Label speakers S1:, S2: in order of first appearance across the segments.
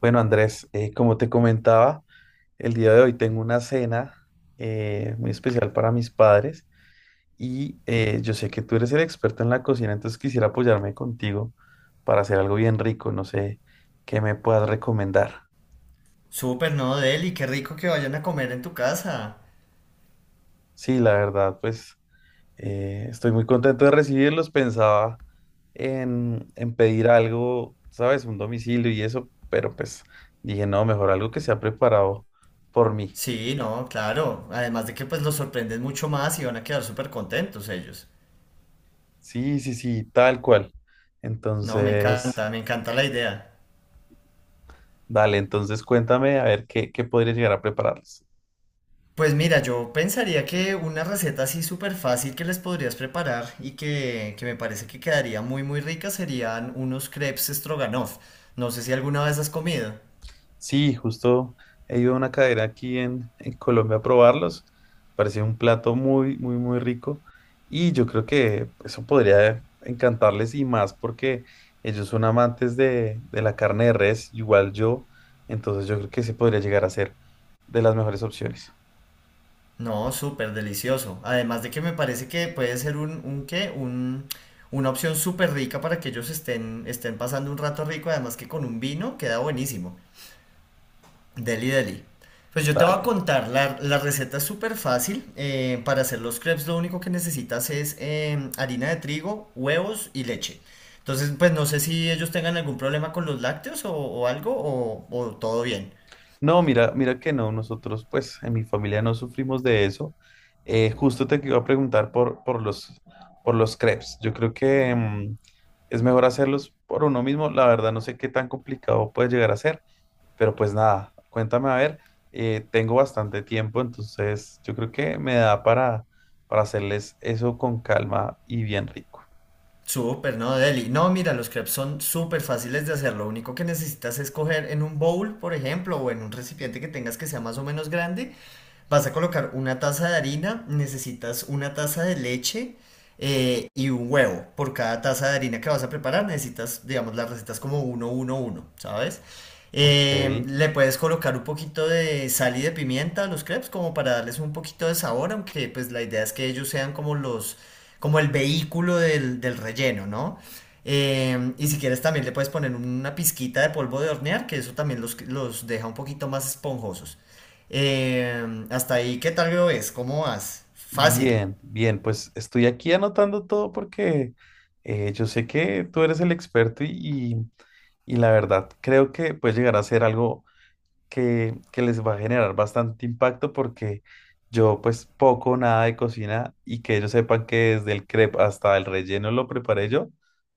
S1: Bueno, Andrés, como te comentaba, el día de hoy tengo una cena muy especial para mis padres y yo sé que tú eres el experto en la cocina, entonces quisiera apoyarme contigo para hacer algo bien rico. No sé qué me puedas recomendar.
S2: Súper, ¿no, Deli? Qué rico que vayan a comer en tu casa.
S1: Sí, la verdad, pues estoy muy contento de recibirlos. Pensaba en pedir algo, ¿sabes? Un domicilio y eso, pero pues dije, no, mejor algo que sea preparado por mí.
S2: Sí, no, claro. Además de que pues los sorprenden mucho más y van a quedar súper contentos ellos.
S1: Sí, sí, sí, tal cual.
S2: No,
S1: Entonces,
S2: me encanta la idea.
S1: dale, entonces cuéntame a ver qué, qué podría llegar a prepararles.
S2: Pues mira, yo pensaría que una receta así súper fácil que les podrías preparar y que me parece que quedaría muy muy rica serían unos crepes stroganoff. No sé si alguna vez has comido.
S1: Sí, justo he ido a una cadera aquí en Colombia a probarlos. Parecía un plato muy, muy, muy rico. Y yo creo que eso podría encantarles y más porque ellos son amantes de la carne de res, igual yo. Entonces yo creo que ese podría llegar a ser de las mejores opciones.
S2: No, súper delicioso. Además de que me parece que puede ser una opción súper rica para que ellos estén pasando un rato rico, además que con un vino queda buenísimo. Deli, deli. Pues yo te voy a
S1: Dale.
S2: contar, la receta es súper fácil. Para hacer los crepes lo único que necesitas es harina de trigo, huevos y leche. Entonces, pues no sé si ellos tengan algún problema con los lácteos o algo, o todo bien.
S1: No, mira, mira que no, nosotros pues en mi familia no sufrimos de eso. Justo te iba a preguntar por los crepes. Yo creo que es mejor hacerlos por uno mismo. La verdad no sé qué tan complicado puede llegar a ser, pero pues nada, cuéntame a ver. Tengo bastante tiempo, entonces yo creo que me da para hacerles eso con calma y bien rico.
S2: Súper, ¿no, Deli? No, mira, los crepes son súper fáciles de hacer. Lo único que necesitas es coger en un bowl, por ejemplo, o en un recipiente que tengas que sea más o menos grande. Vas a colocar una taza de harina, necesitas una taza de leche, y un huevo. Por cada taza de harina que vas a preparar, necesitas, digamos, las recetas como uno uno uno, ¿sabes?
S1: Ok.
S2: Le puedes colocar un poquito de sal y de pimienta a los crepes como para darles un poquito de sabor, aunque pues la idea es que ellos sean como como el vehículo del relleno, ¿no? Y si quieres también le puedes poner una pizquita de polvo de hornear, que eso también los deja un poquito más esponjosos. Hasta ahí, ¿qué tal lo ves? ¿Cómo vas? Fácil.
S1: Bien, bien, pues estoy aquí anotando todo porque yo sé que tú eres el experto y- y la verdad creo que puede llegar a ser algo que les va a generar bastante impacto porque yo pues poco o nada de cocina y que ellos sepan que desde el crepe hasta el relleno lo preparé yo,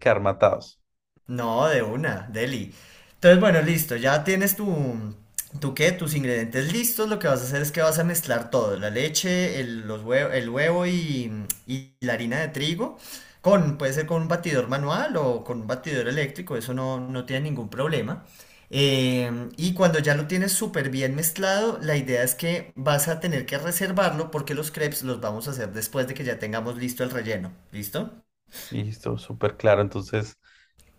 S1: quedar matados.
S2: No, de una, deli. Entonces, bueno, listo, ya tienes tus ingredientes listos. Lo que vas a hacer es que vas a mezclar todo, la leche, el huevo y la harina de trigo, con, puede ser con un batidor manual o con un batidor eléctrico, eso no, no tiene ningún problema. Y cuando ya lo tienes súper bien mezclado, la idea es que vas a tener que reservarlo porque los crepes los vamos a hacer después de que ya tengamos listo el relleno. ¿Listo?
S1: Listo, súper claro. Entonces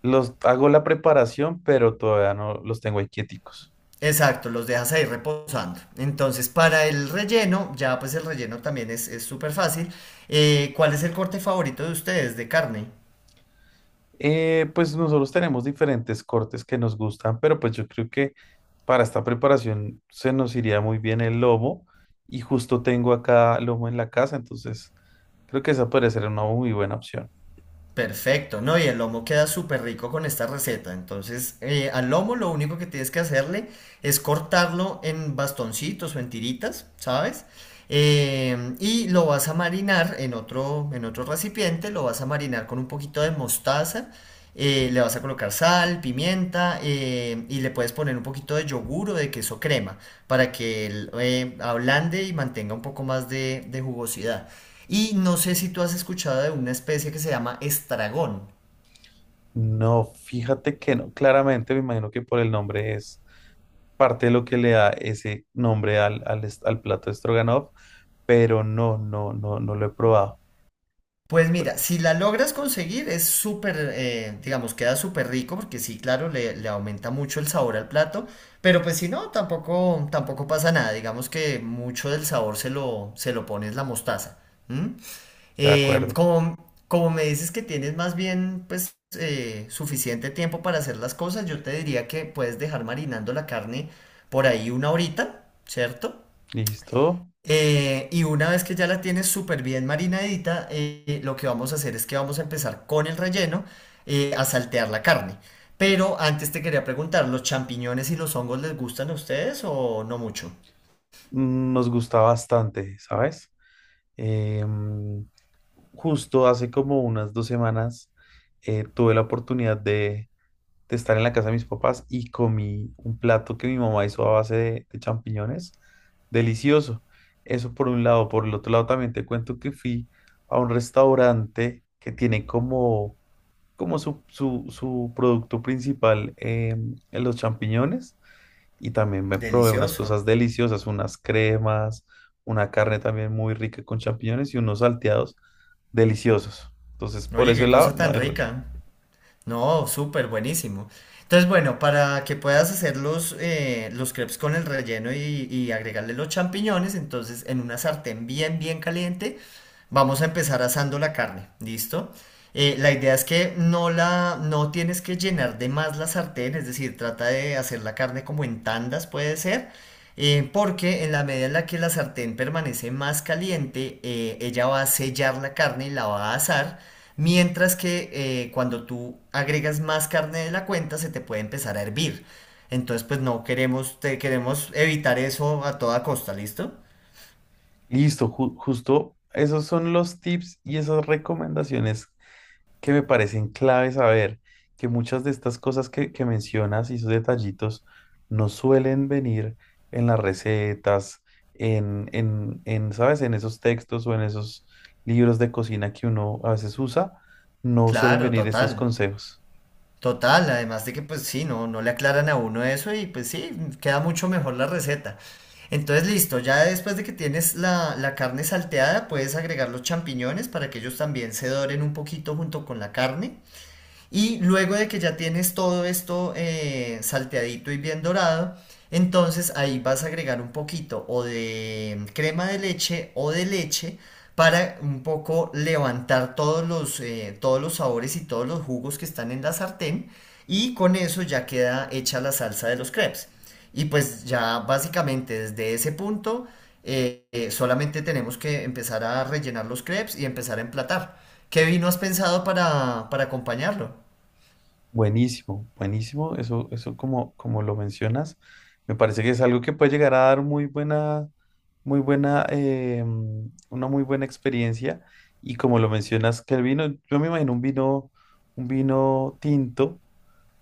S1: los hago la preparación, pero todavía no los tengo ahí quieticos.
S2: Exacto, los dejas ahí reposando. Entonces, para el relleno, ya pues el relleno también es súper fácil. ¿Cuál es el corte favorito de ustedes de carne?
S1: Pues nosotros tenemos diferentes cortes que nos gustan, pero pues yo creo que para esta preparación se nos iría muy bien el lomo y justo tengo acá lomo en la casa, entonces creo que esa podría ser una muy buena opción.
S2: Perfecto, ¿no? Y el lomo queda súper rico con esta receta. Entonces, al lomo lo único que tienes que hacerle es cortarlo en bastoncitos o en tiritas, ¿sabes? Y lo vas a marinar en otro recipiente, lo vas a marinar con un poquito de mostaza, le vas a colocar sal, pimienta, y le puedes poner un poquito de yogur o de queso crema para que él, ablande y mantenga un poco más de jugosidad. Y no sé si tú has escuchado de una especie que se llama estragón.
S1: No, fíjate que no, claramente me imagino que por el nombre es parte de lo que le da ese nombre al plato de Stroganoff, pero no, no, no, no lo he probado.
S2: Pues mira, si la logras conseguir es súper, digamos, queda súper rico porque sí, claro, le aumenta mucho el sabor al plato, pero pues si no, tampoco, tampoco pasa nada, digamos que mucho del sabor se lo pones la mostaza. ¿M?
S1: De acuerdo.
S2: Como, como me dices que tienes más bien pues suficiente tiempo para hacer las cosas, yo te diría que puedes dejar marinando la carne por ahí una horita, ¿cierto?
S1: Listo.
S2: Y una vez que ya la tienes súper bien marinadita, lo que vamos a hacer es que vamos a empezar con el relleno, a saltear la carne. Pero antes te quería preguntar, ¿los champiñones y los hongos les gustan a ustedes o no mucho?
S1: Mm, nos gusta bastante, ¿sabes? Em, justo hace como unas dos semanas tuve la oportunidad de estar en la casa de mis papás y comí un plato que mi mamá hizo a base de champiñones. Delicioso. Eso por un lado. Por el otro lado también te cuento que fui a un restaurante que tiene como, como su producto principal los champiñones y también me probé unas cosas
S2: Delicioso.
S1: deliciosas, unas cremas, una carne también muy rica con champiñones y unos salteados deliciosos. Entonces, por
S2: Oye,
S1: ese
S2: qué
S1: lado,
S2: cosa
S1: no
S2: tan
S1: hay rollo.
S2: rica. No, súper buenísimo. Entonces, bueno, para que puedas hacer los crepes con el relleno y agregarle los champiñones, entonces en una sartén bien, bien caliente, vamos a empezar asando la carne, ¿listo? La idea es que no tienes que llenar de más la sartén, es decir, trata de hacer la carne como en tandas puede ser, porque en la medida en la que la sartén permanece más caliente, ella va a sellar la carne y la va a asar. Mientras que cuando tú agregas más carne de la cuenta, se te puede empezar a hervir. Entonces, pues no queremos, te, queremos evitar eso a toda costa, ¿listo?
S1: Listo, justo esos son los tips y esas recomendaciones que me parecen clave saber que muchas de estas cosas que mencionas y esos detallitos no suelen venir en las recetas, ¿sabes? En esos textos o en esos libros de cocina que uno a veces usa, no suelen
S2: Claro,
S1: venir estos
S2: total.
S1: consejos.
S2: Total, además de que pues sí, no, no le aclaran a uno eso y pues sí, queda mucho mejor la receta. Entonces, listo, ya después de que tienes la carne salteada, puedes agregar los champiñones para que ellos también se doren un poquito junto con la carne. Y luego de que ya tienes todo esto salteadito y bien dorado, entonces ahí vas a agregar un poquito o de crema de leche o de leche para un poco levantar todos los sabores y todos los jugos que están en la sartén. Y con eso ya queda hecha la salsa de los crepes. Y pues ya básicamente desde ese punto solamente tenemos que empezar a rellenar los crepes y empezar a emplatar. ¿Qué vino has pensado para acompañarlo?
S1: Buenísimo, buenísimo. Eso como, como lo mencionas, me parece que es algo que puede llegar a dar muy buena, una muy buena experiencia. Y como lo mencionas, que el vino, yo me imagino un vino tinto,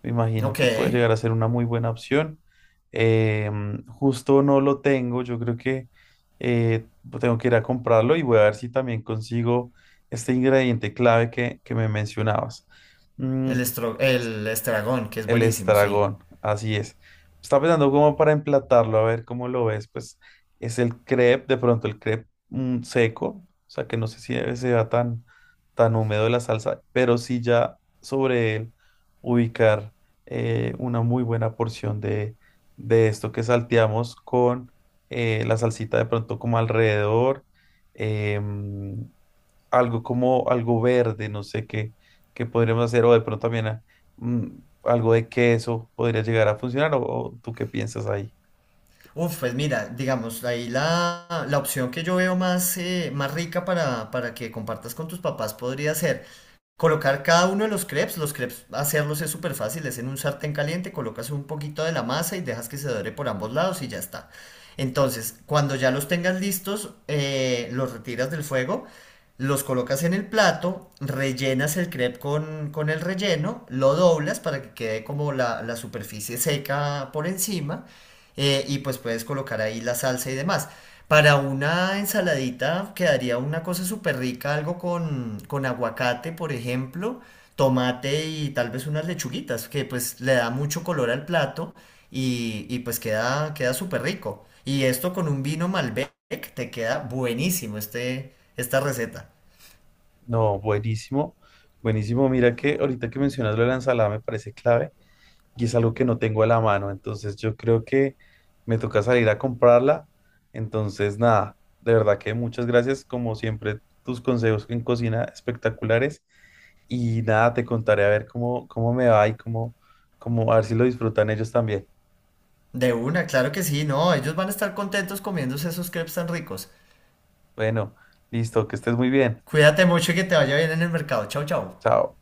S1: me imagino
S2: Ok,
S1: que puede llegar a ser una muy buena opción. Justo no lo tengo, yo creo que eh, tengo que ir a comprarlo y voy a ver si también consigo este ingrediente clave que me mencionabas. Mm,
S2: el estragón, que es
S1: el
S2: buenísimo, sí.
S1: estragón, así es. Está pensando como para emplatarlo, a ver cómo lo ves. Pues es el crepe, de pronto el crepe seco, o sea que no sé si debe sea tan, tan húmedo la salsa, pero sí ya sobre él ubicar una muy buena porción de esto que salteamos con la salsita de pronto como alrededor. em, Algo como algo verde, no sé qué, qué podríamos hacer, o de pronto también mm, algo de queso podría llegar a funcionar, o tú qué piensas ahí.
S2: Uf, pues mira, digamos, ahí la opción que yo veo más, más rica para que compartas con tus papás podría ser colocar cada uno de los crepes hacerlos es súper fácil, es en un sartén caliente, colocas un poquito de la masa y dejas que se dore por ambos lados y ya está. Entonces, cuando ya los tengas listos, los retiras del fuego, los colocas en el plato, rellenas el crepe con el relleno, lo doblas para que quede como la superficie seca por encima, y pues puedes colocar ahí la salsa y demás. Para una ensaladita quedaría una cosa súper rica, algo con aguacate, por ejemplo, tomate y tal vez unas lechuguitas, que pues le da mucho color al plato y pues queda, queda súper rico. Y esto con un vino Malbec te queda buenísimo este, esta receta.
S1: No, buenísimo, buenísimo. Mira que ahorita que mencionas lo de la ensalada me parece clave y es algo que no tengo a la mano, entonces yo creo que me toca salir a comprarla. Entonces, nada, de verdad que muchas gracias, como siempre, tus consejos en cocina espectaculares y nada, te contaré a ver cómo, cómo me va y cómo, cómo, a ver si lo disfrutan ellos también.
S2: De una, claro que sí, no, ellos van a estar contentos comiéndose esos crepes tan ricos.
S1: Bueno, listo, que estés muy bien.
S2: Cuídate mucho y que te vaya bien en el mercado. Chao, chao.
S1: Chao.